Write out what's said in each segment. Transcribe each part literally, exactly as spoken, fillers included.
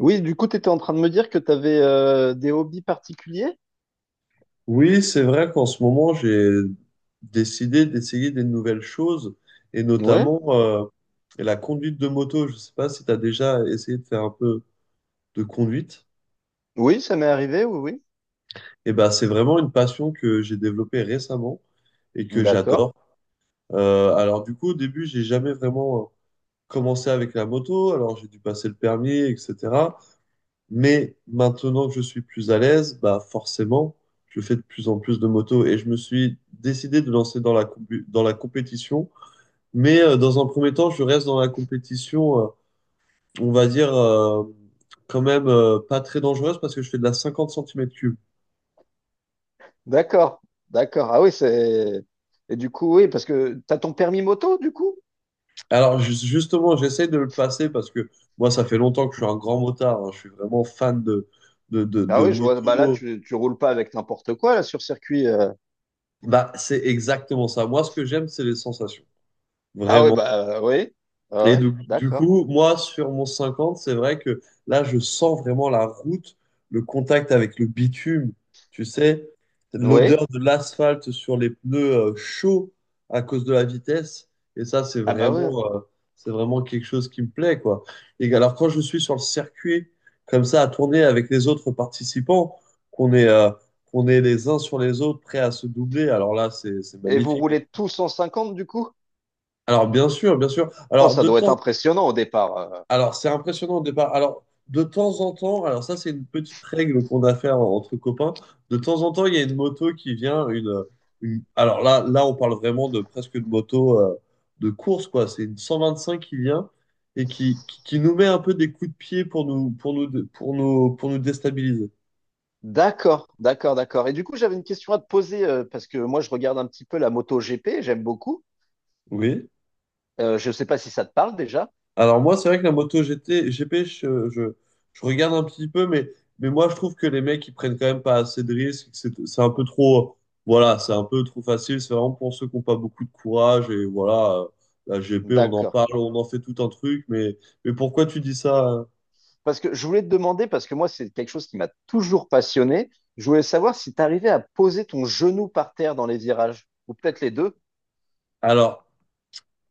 Oui, du coup, tu étais en train de me dire que tu avais des hobbies particuliers? Oui, c'est vrai qu'en ce moment, j'ai décidé d'essayer des nouvelles choses et Ouais. notamment euh, la conduite de moto. Je sais pas si tu as déjà essayé de faire un peu de conduite. Oui, ça m'est arrivé, oui, oui. Et ben, c'est vraiment une passion que j'ai développée récemment et que D'accord. j'adore. Euh, alors du coup, au début, j'ai jamais vraiment euh, commencé avec la moto. Alors j'ai dû passer le permis, et cetera. Mais maintenant que je suis plus à l'aise, bah forcément, je fais de plus en plus de motos et je me suis décidé de lancer dans la, compu- dans la compétition. Mais euh, dans un premier temps, je reste dans la compétition, euh, on va dire, euh, quand même euh, pas très dangereuse parce que je fais de la cinquante centimètres cubes. D'accord. D'accord. Ah oui, c'est. Et du coup, oui, parce que tu as ton permis moto, du coup? Alors ju- justement, j'essaie de le passer parce que moi, ça fait longtemps que je suis un grand motard. hein. Je suis vraiment fan de, de, de, Ah de oui, je vois, bah là, moto. tu, tu roules pas avec n'importe quoi, là, sur circuit. euh. Bah, c'est exactement ça. Moi, ce que j'aime, c'est les sensations. Ah oui, Vraiment. bah euh, oui. Ah Et ouais, du, du d'accord. coup, moi, sur mon cinquante, c'est vrai que là, je sens vraiment la route, le contact avec le bitume, tu sais, Oui. l'odeur de l'asphalte sur les pneus euh, chauds à cause de la vitesse. Et ça, c'est Ah bah oui. vraiment, euh, c'est vraiment quelque chose qui me plaît, quoi. Et alors, quand je suis sur le circuit, comme ça, à tourner avec les autres participants, qu'on est, euh, qu'on est les uns sur les autres, prêts à se doubler, alors là, c'est, c'est Et vous magnifique. roulez tous cent cinquante, du coup? Alors, bien sûr, bien sûr. Oh, Alors, ça de doit être temps impressionnant au départ. euh. Alors, c'est impressionnant au départ. Alors, de temps en temps, alors ça, c'est une petite règle qu'on a fait en- entre copains. De temps en temps, il y a une moto qui vient, une, une- alors là, là, on parle vraiment de presque une moto euh, de course, quoi. C'est une cent vingt cinq qui vient et qui, qui, qui nous met un peu des coups de pied pour nous, pour nous, pour nous, pour nous déstabiliser. D'accord, d'accord, d'accord. Et du coup, j'avais une question à te poser, euh, parce que moi, je regarde un petit peu la moto G P, j'aime beaucoup. Oui. Euh, je ne sais pas si ça te parle déjà. Alors moi, c'est vrai que la moto G T, G P, je, je, je regarde un petit peu, mais, mais moi, je trouve que les mecs, ils prennent quand même pas assez de risques. Que C'est c'est un peu trop, voilà, c'est un peu trop facile. C'est vraiment pour ceux qui n'ont pas beaucoup de courage. Et voilà, euh, la G P, on en D'accord. parle, on en fait tout un truc. Mais, mais pourquoi tu dis ça? euh Parce que je voulais te demander, parce que moi, c'est quelque chose qui m'a toujours passionné. Je voulais savoir si tu arrivais à poser ton genou par terre dans les virages, ou peut-être les deux. Alors,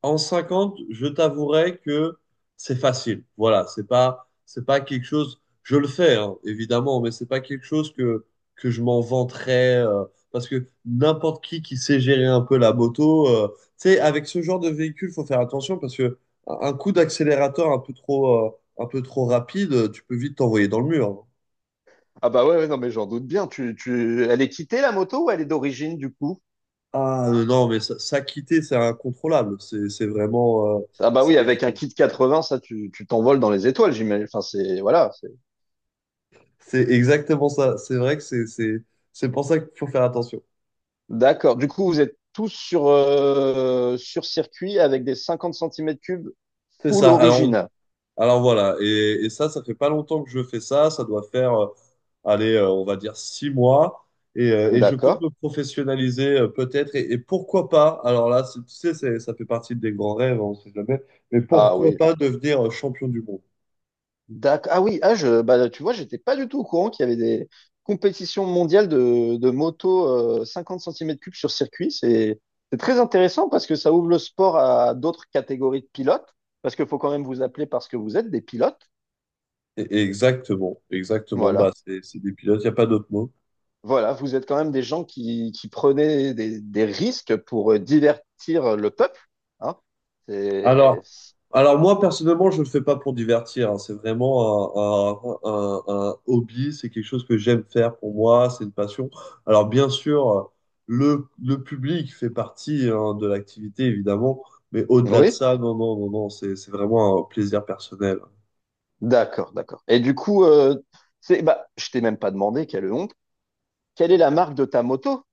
en cinquante, je t'avouerai que c'est facile. Voilà, c'est pas, c'est pas quelque chose. Je le fais, hein, évidemment, mais c'est pas quelque chose que, que je m'en vanterais. euh, Parce que n'importe qui qui sait gérer un peu la moto, euh, tu sais, avec ce genre de véhicule, faut faire attention parce que un coup d'accélérateur un peu trop, euh, un peu trop rapide, euh, tu peux vite t'envoyer dans le mur. hein. Ah bah ouais, ouais, non, mais j'en doute bien. Tu, tu... Elle est quittée, la moto, ou elle est d'origine, du coup? Ah euh, non, mais ça, ça, quitter, c'est incontrôlable. C'est, c'est vraiment. euh, Ah bah c'est- oui, avec un kit quatre-vingts, ça, tu, tu t'envoles dans les étoiles, j'imagine. Enfin, c'est, voilà. c'est- C'est exactement ça. C'est vrai que c'est c'est c'est pour ça qu'il faut faire attention. D'accord. Du coup, vous êtes tous sur, euh, sur circuit avec des cinquante centimètres cubes C'est full ça. Alors on- original. alors voilà. Et, et ça, ça fait pas longtemps que je fais ça. Ça doit faire, euh, allez, euh, on va dire six mois. Et, euh, et je compte D'accord. me professionnaliser euh, peut-être. Et, et pourquoi pas? Alors là, c'est- tu sais, c'est- ça fait partie des grands rêves, hein, on sait jamais. Mais Ah pourquoi oui. pas devenir euh, champion du monde? D'ac- Ah oui, ah je, bah, tu vois, j'étais pas du tout au courant qu'il y avait des compétitions mondiales de, de moto euh, cinquante centimètres cubes sur circuit. C'est c'est très intéressant parce que ça ouvre le sport à d'autres catégories de pilotes, parce qu'il faut quand même vous appeler parce que vous êtes des pilotes. Et- et exactement, exactement. Bah, Voilà, c'est c'est des pilotes. Il y a pas d'autre mot. voilà, vous êtes quand même des gens qui, qui prenaient des, des risques pour euh, divertir le peuple. Hein. C'est- Alors, alors moi, personnellement, je ne le fais pas pour divertir. hein. C'est vraiment un, un- un- un hobby, c'est quelque chose que j'aime faire pour moi, c'est une passion. Alors, bien sûr, le, le public fait partie hein, de l'activité, évidemment, mais au-delà de Oui, ça, non, non, non, non, c'est, c'est vraiment un plaisir personnel. d'accord, d'accord. Et du coup, euh, c'est, bah, je t'ai même pas demandé, quelle honte, quelle est la marque de ta moto?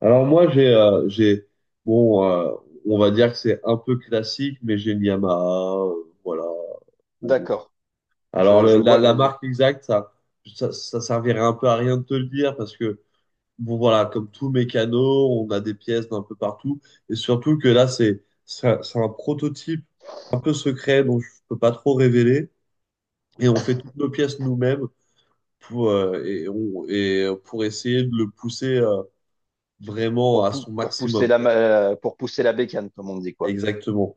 Alors, moi, j'ai, euh, j'ai, bon, euh, on va dire que c'est un peu classique, mais j'ai une Yamaha, euh, voilà. Bon. D'accord. Alors, Je, le- je la, vois la les- marque exacte, ça, ça, ça servirait un peu à rien de te le dire, parce que bon voilà, comme tout mécano, on a des pièces d'un peu partout. Et surtout que là, c'est c'est un, c'est un prototype un peu secret dont je peux pas trop révéler. Et on fait toutes nos pièces nous-mêmes pour, euh, et on, et pour essayer de le pousser euh, vraiment pour, à pou- son pour pousser maximum, la, quoi. ma- euh, pour pousser la bécane, comme on dit, quoi. Exactement.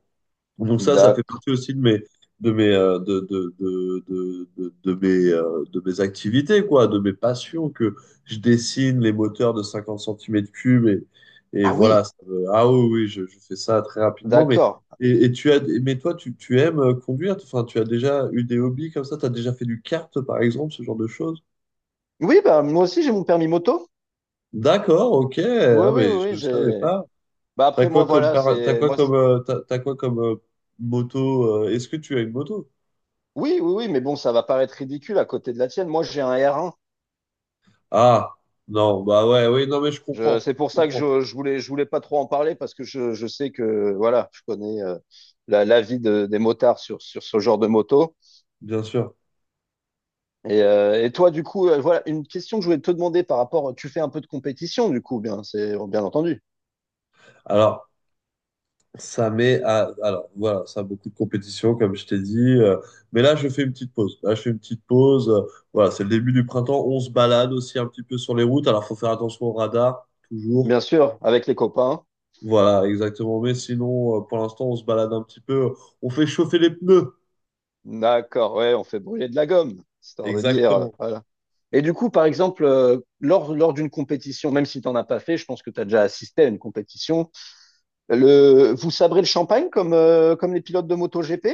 Donc ça, ça fait D'accord. partie aussi de mes, de mes, euh, de, de, de, de, de, de mes, euh, de mes activités, quoi, de mes passions, que je dessine les moteurs de cinquante centimètres cubes et, et Ah voilà. oui, ça me- Ah oui, oui, je, je fais ça très rapidement. Mais, d'accord. et, et tu as, mais toi, tu, tu aimes euh, conduire? Enfin, tu as déjà eu des hobbies comme ça? Tu as déjà fait du kart, par exemple, ce genre de choses? Oui, bah, moi aussi, j'ai mon permis moto. D'accord, ok. Oui, Ah, oui, oui, mais je oui, ne savais j'ai. pas. Bah, T'as après, moi, quoi comme, voilà, par- t'as c'est. quoi Moi, c'est- comme, euh, t'as, t'as quoi comme euh, moto? euh, Est-ce que tu as une moto? oui, oui, oui, mais bon, ça va paraître ridicule à côté de la tienne. Moi, j'ai un R un. Ah, non, bah ouais, oui, non, mais je Je, comprends, c'est pour je ça que comprends, je, je voulais, je voulais pas trop en parler parce que je, je sais que, voilà, je connais euh, la, la vie de- des motards sur, sur ce genre de moto. bien sûr. Et, euh, et toi, du coup, euh, voilà une question que je voulais te demander par rapport. Tu fais un peu de compétition, du coup, bien, c'est bien entendu. Alors, ça met à, alors, voilà, ça a beaucoup de compétition, comme je t'ai dit, euh, mais là, je fais une petite pause. Là, je fais une petite pause. euh, Voilà, c'est le début du printemps. On se balade aussi un petit peu sur les routes. Alors, faut faire attention au radar, toujours. Bien sûr, avec les copains. Voilà, exactement. Mais sinon, euh, pour l'instant, on se balade un petit peu. On fait chauffer les pneus. D'accord, ouais, on fait brûler de la gomme, histoire de dire. euh, Exactement. voilà. Et du coup, par exemple, euh, lors, lors d'une compétition, même si tu n'en as pas fait, je pense que tu as déjà assisté à une compétition, le, vous sabrez le champagne comme, euh, comme les pilotes de MotoGP?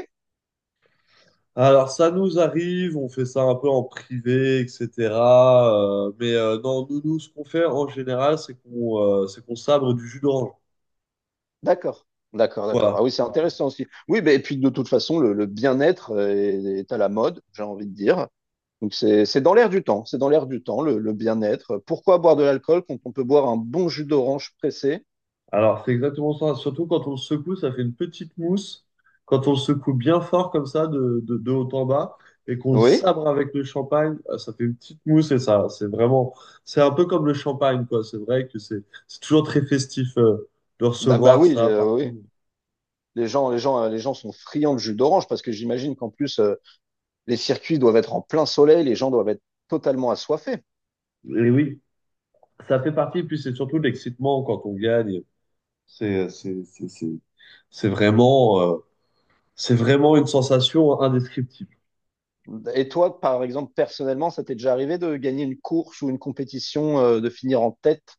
Alors, ça nous arrive, on fait ça un peu en privé, et cetera euh, mais euh, Non, nous, nous, ce qu'on fait en général, c'est qu'on euh, c'est qu'on sabre du jus d'orange. D'accord, d'accord, d'accord. Voilà. Ah oui, c'est intéressant aussi. Oui, mais, et puis de toute façon, le, le bien-être euh, est, est à la mode, j'ai envie de dire. Donc c'est c'est dans l'air du temps, c'est dans l'air du temps, le, le bien-être. Pourquoi boire de l'alcool quand on peut boire un bon jus d'orange pressé? Alors, c'est exactement ça. Surtout quand on le secoue, ça fait une petite mousse. Quand on le secoue bien fort comme ça, de, de, de haut en bas, et qu'on le Oui, sabre avec le champagne, euh, ça fait une petite mousse et ça, c'est vraiment, c'est un peu comme le champagne, quoi. C'est vrai que c'est c'est toujours très festif euh, de bah, bah recevoir oui, ça euh, oui. partout. Les gens, les gens, euh, les gens sont friands de jus d'orange parce que j'imagine qu'en plus euh, les circuits doivent être en plein soleil, les gens doivent être totalement assoiffés. Et oui. Ça fait partie, puis c'est surtout l'excitement quand on gagne. C'est, c'est, c'est, c'est, c'est vraiment, euh, c'est vraiment une sensation indescriptible. Et toi, par exemple, personnellement, ça t'est déjà arrivé de gagner une course ou une compétition, euh, de finir en tête?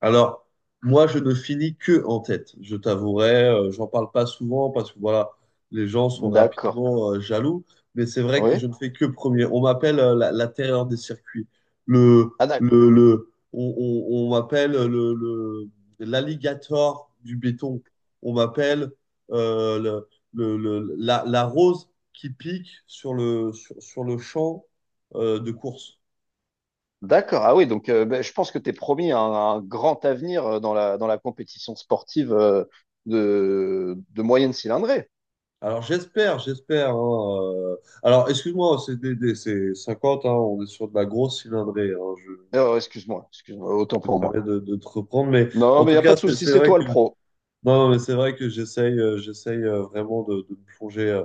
Alors, moi, je ne finis que en tête, je t'avouerai. euh, J'en parle pas souvent parce que voilà, les gens sont D'accord. rapidement euh, jaloux. Mais c'est vrai que je Oui. ne fais que premier. On m'appelle euh, la, la terreur des circuits. Le, Ah, le, le, on on- on m'appelle euh, le, le- l'alligator du béton. On m'appelle euh, le, le- le- la, la rose qui pique sur le, sur, sur le champ euh, de course. d'accord. Ah oui, donc euh, ben, je pense que tu es promis un, un grand avenir euh, dans la, dans la compétition sportive euh, de, de moyenne cylindrée. Alors j'espère, j'espère. hein, euh. Alors excuse-moi, c'est des, des- c'est cinquante, hein, on est sur de la grosse cylindrée, hein, je me Euh, excuse-moi, excuse-moi, autant pour moi. permets de, de te reprendre, mais Non, en mais il tout n'y a pas cas, de c'est souci, c'est c'est vrai toi que le non, pro. non, mais c'est vrai que j'essaye, euh, j'essaye euh, vraiment de, de me plonger euh,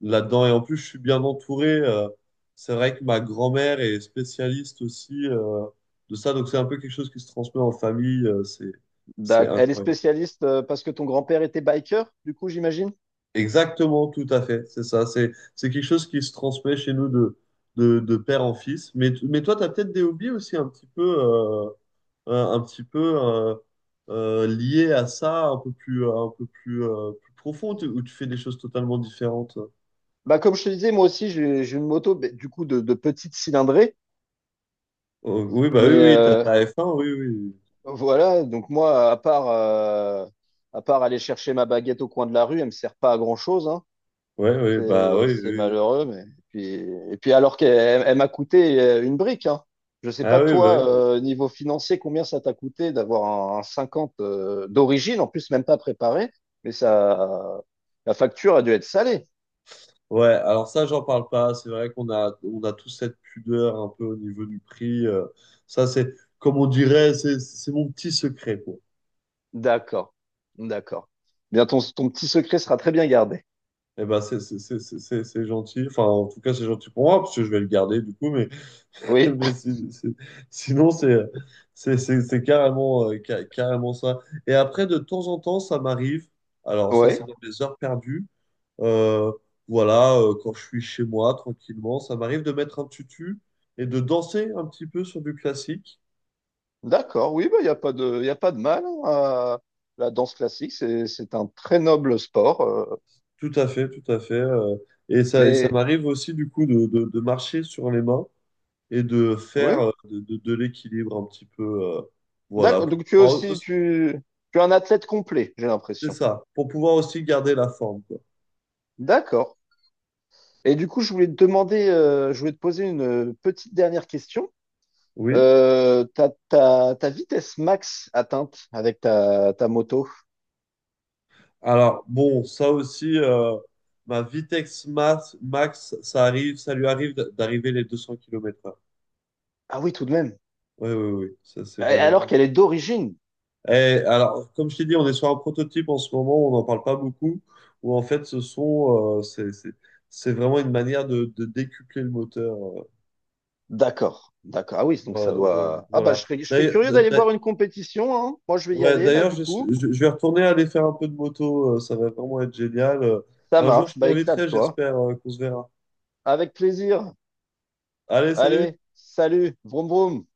là-dedans. Et en plus, je suis bien entouré. euh. C'est vrai que ma grand-mère est spécialiste aussi euh, de ça, donc c'est un peu quelque chose qui se transmet en famille. euh, c'est c'est D'ac- Elle est incroyable. spécialiste euh, parce que ton grand-père était biker, du coup, j'imagine. Exactement, tout à fait. C'est ça. C'est, c'est quelque chose qui se transmet chez nous de, de, de père en fils. Mais, t- mais toi, tu as peut-être des hobbies aussi un petit peu, euh, un, un petit peu euh, euh, liés à ça, un peu plus, un peu plus, euh, plus profond, tu- où tu fais des choses totalement différentes. Bah, comme je te disais, moi aussi, j'ai j'ai une moto, ben, du coup, de, de petite cylindrée. Oh, oui, bah oui, Mais oui, t'as euh, ta F un, oui, oui. voilà, donc moi, à part, euh, à part aller chercher ma baguette au coin de la rue, elle me sert pas à grand-chose, hein. Ouais, oui, bah C'est oui, c'est oui. malheureux, mais et puis, et puis, alors qu'elle elle m'a coûté euh, une brique, hein. Je sais pas Ah oui, bah toi, oui. euh, niveau financier, combien ça t'a coûté d'avoir un, un, cinquante euh, d'origine, en plus même pas préparé, mais ça, la facture a dû être salée. Ouais, alors ça, j'en parle pas. C'est vrai qu'on a, on a tous cette pudeur un peu au niveau du prix. euh, ça, c'est, comme on dirait, c'est c'est mon petit secret, quoi. D'accord, d'accord. Bien, ton, ton petit secret sera très bien gardé. Eh ben, c'est c'est- c'est- c'est- c'est- c'est gentil. Enfin, en tout cas, c'est gentil pour moi, parce que je vais le garder, du coup. Mais, Oui, mais si- si- sinon, c'est c'est- c'est- c'est carrément, euh, ca- carrément ça. Et après, de temps en temps, ça m'arrive. Alors, ça, c'est oui, dans les heures perdues. Euh, voilà, euh, quand je suis chez moi tranquillement, ça m'arrive de mettre un tutu et de danser un petit peu sur du classique. d'accord, oui, bah il y a pas de, y a pas de mal hein, à la danse classique, c'est c'est un très noble sport, euh, Tout à fait, tout à fait. Euh, et ça, et ça mais m'arrive aussi du coup de, de- de marcher sur les mains et de faire oui. euh, de, de- de l'équilibre un petit peu. euh, Voilà, D'accord. pour Donc tu es pouvoir aussi aussi- tu, tu es un athlète complet, j'ai c'est l'impression. ça, pour pouvoir aussi garder la forme, quoi. D'accord. Et du coup, je voulais te demander, euh, je voulais te poser une petite dernière question. Oui. Euh, ta, ta, ta vitesse max atteinte avec ta, ta moto. Alors bon, ça aussi, euh, ma Vitex Max, Max, ça arrive, ça lui arrive d'arriver les deux cents kilomètres heure. Ah oui, tout de même. Oui, oui, oui, ça c'est Euh, Alors vraiment. qu'elle est d'origine. Eh, alors, comme je t'ai dit, on est sur un prototype en ce moment, on n'en parle pas beaucoup, où en fait, ce sont, euh, c'est, c'est, c'est vraiment une manière de, de décupler le moteur. euh, D'accord. D'accord. Ah oui, donc ça Voilà. vo- doit. Ah bah Voilà. je serais, je serais D'ailleurs, curieux d'a- d'aller d'a- voir une compétition, hein. Moi, je vais y ouais, aller là d'ailleurs, du je, suis- coup. je- je vais retourner aller faire un peu de moto, euh, ça va vraiment être génial. Euh, Ça Un jour, je marche. Bah t'inviterai, éclate-toi. j'espère, euh, qu'on se verra. Avec plaisir. Allez, salut! Allez, salut. Vroom vroom.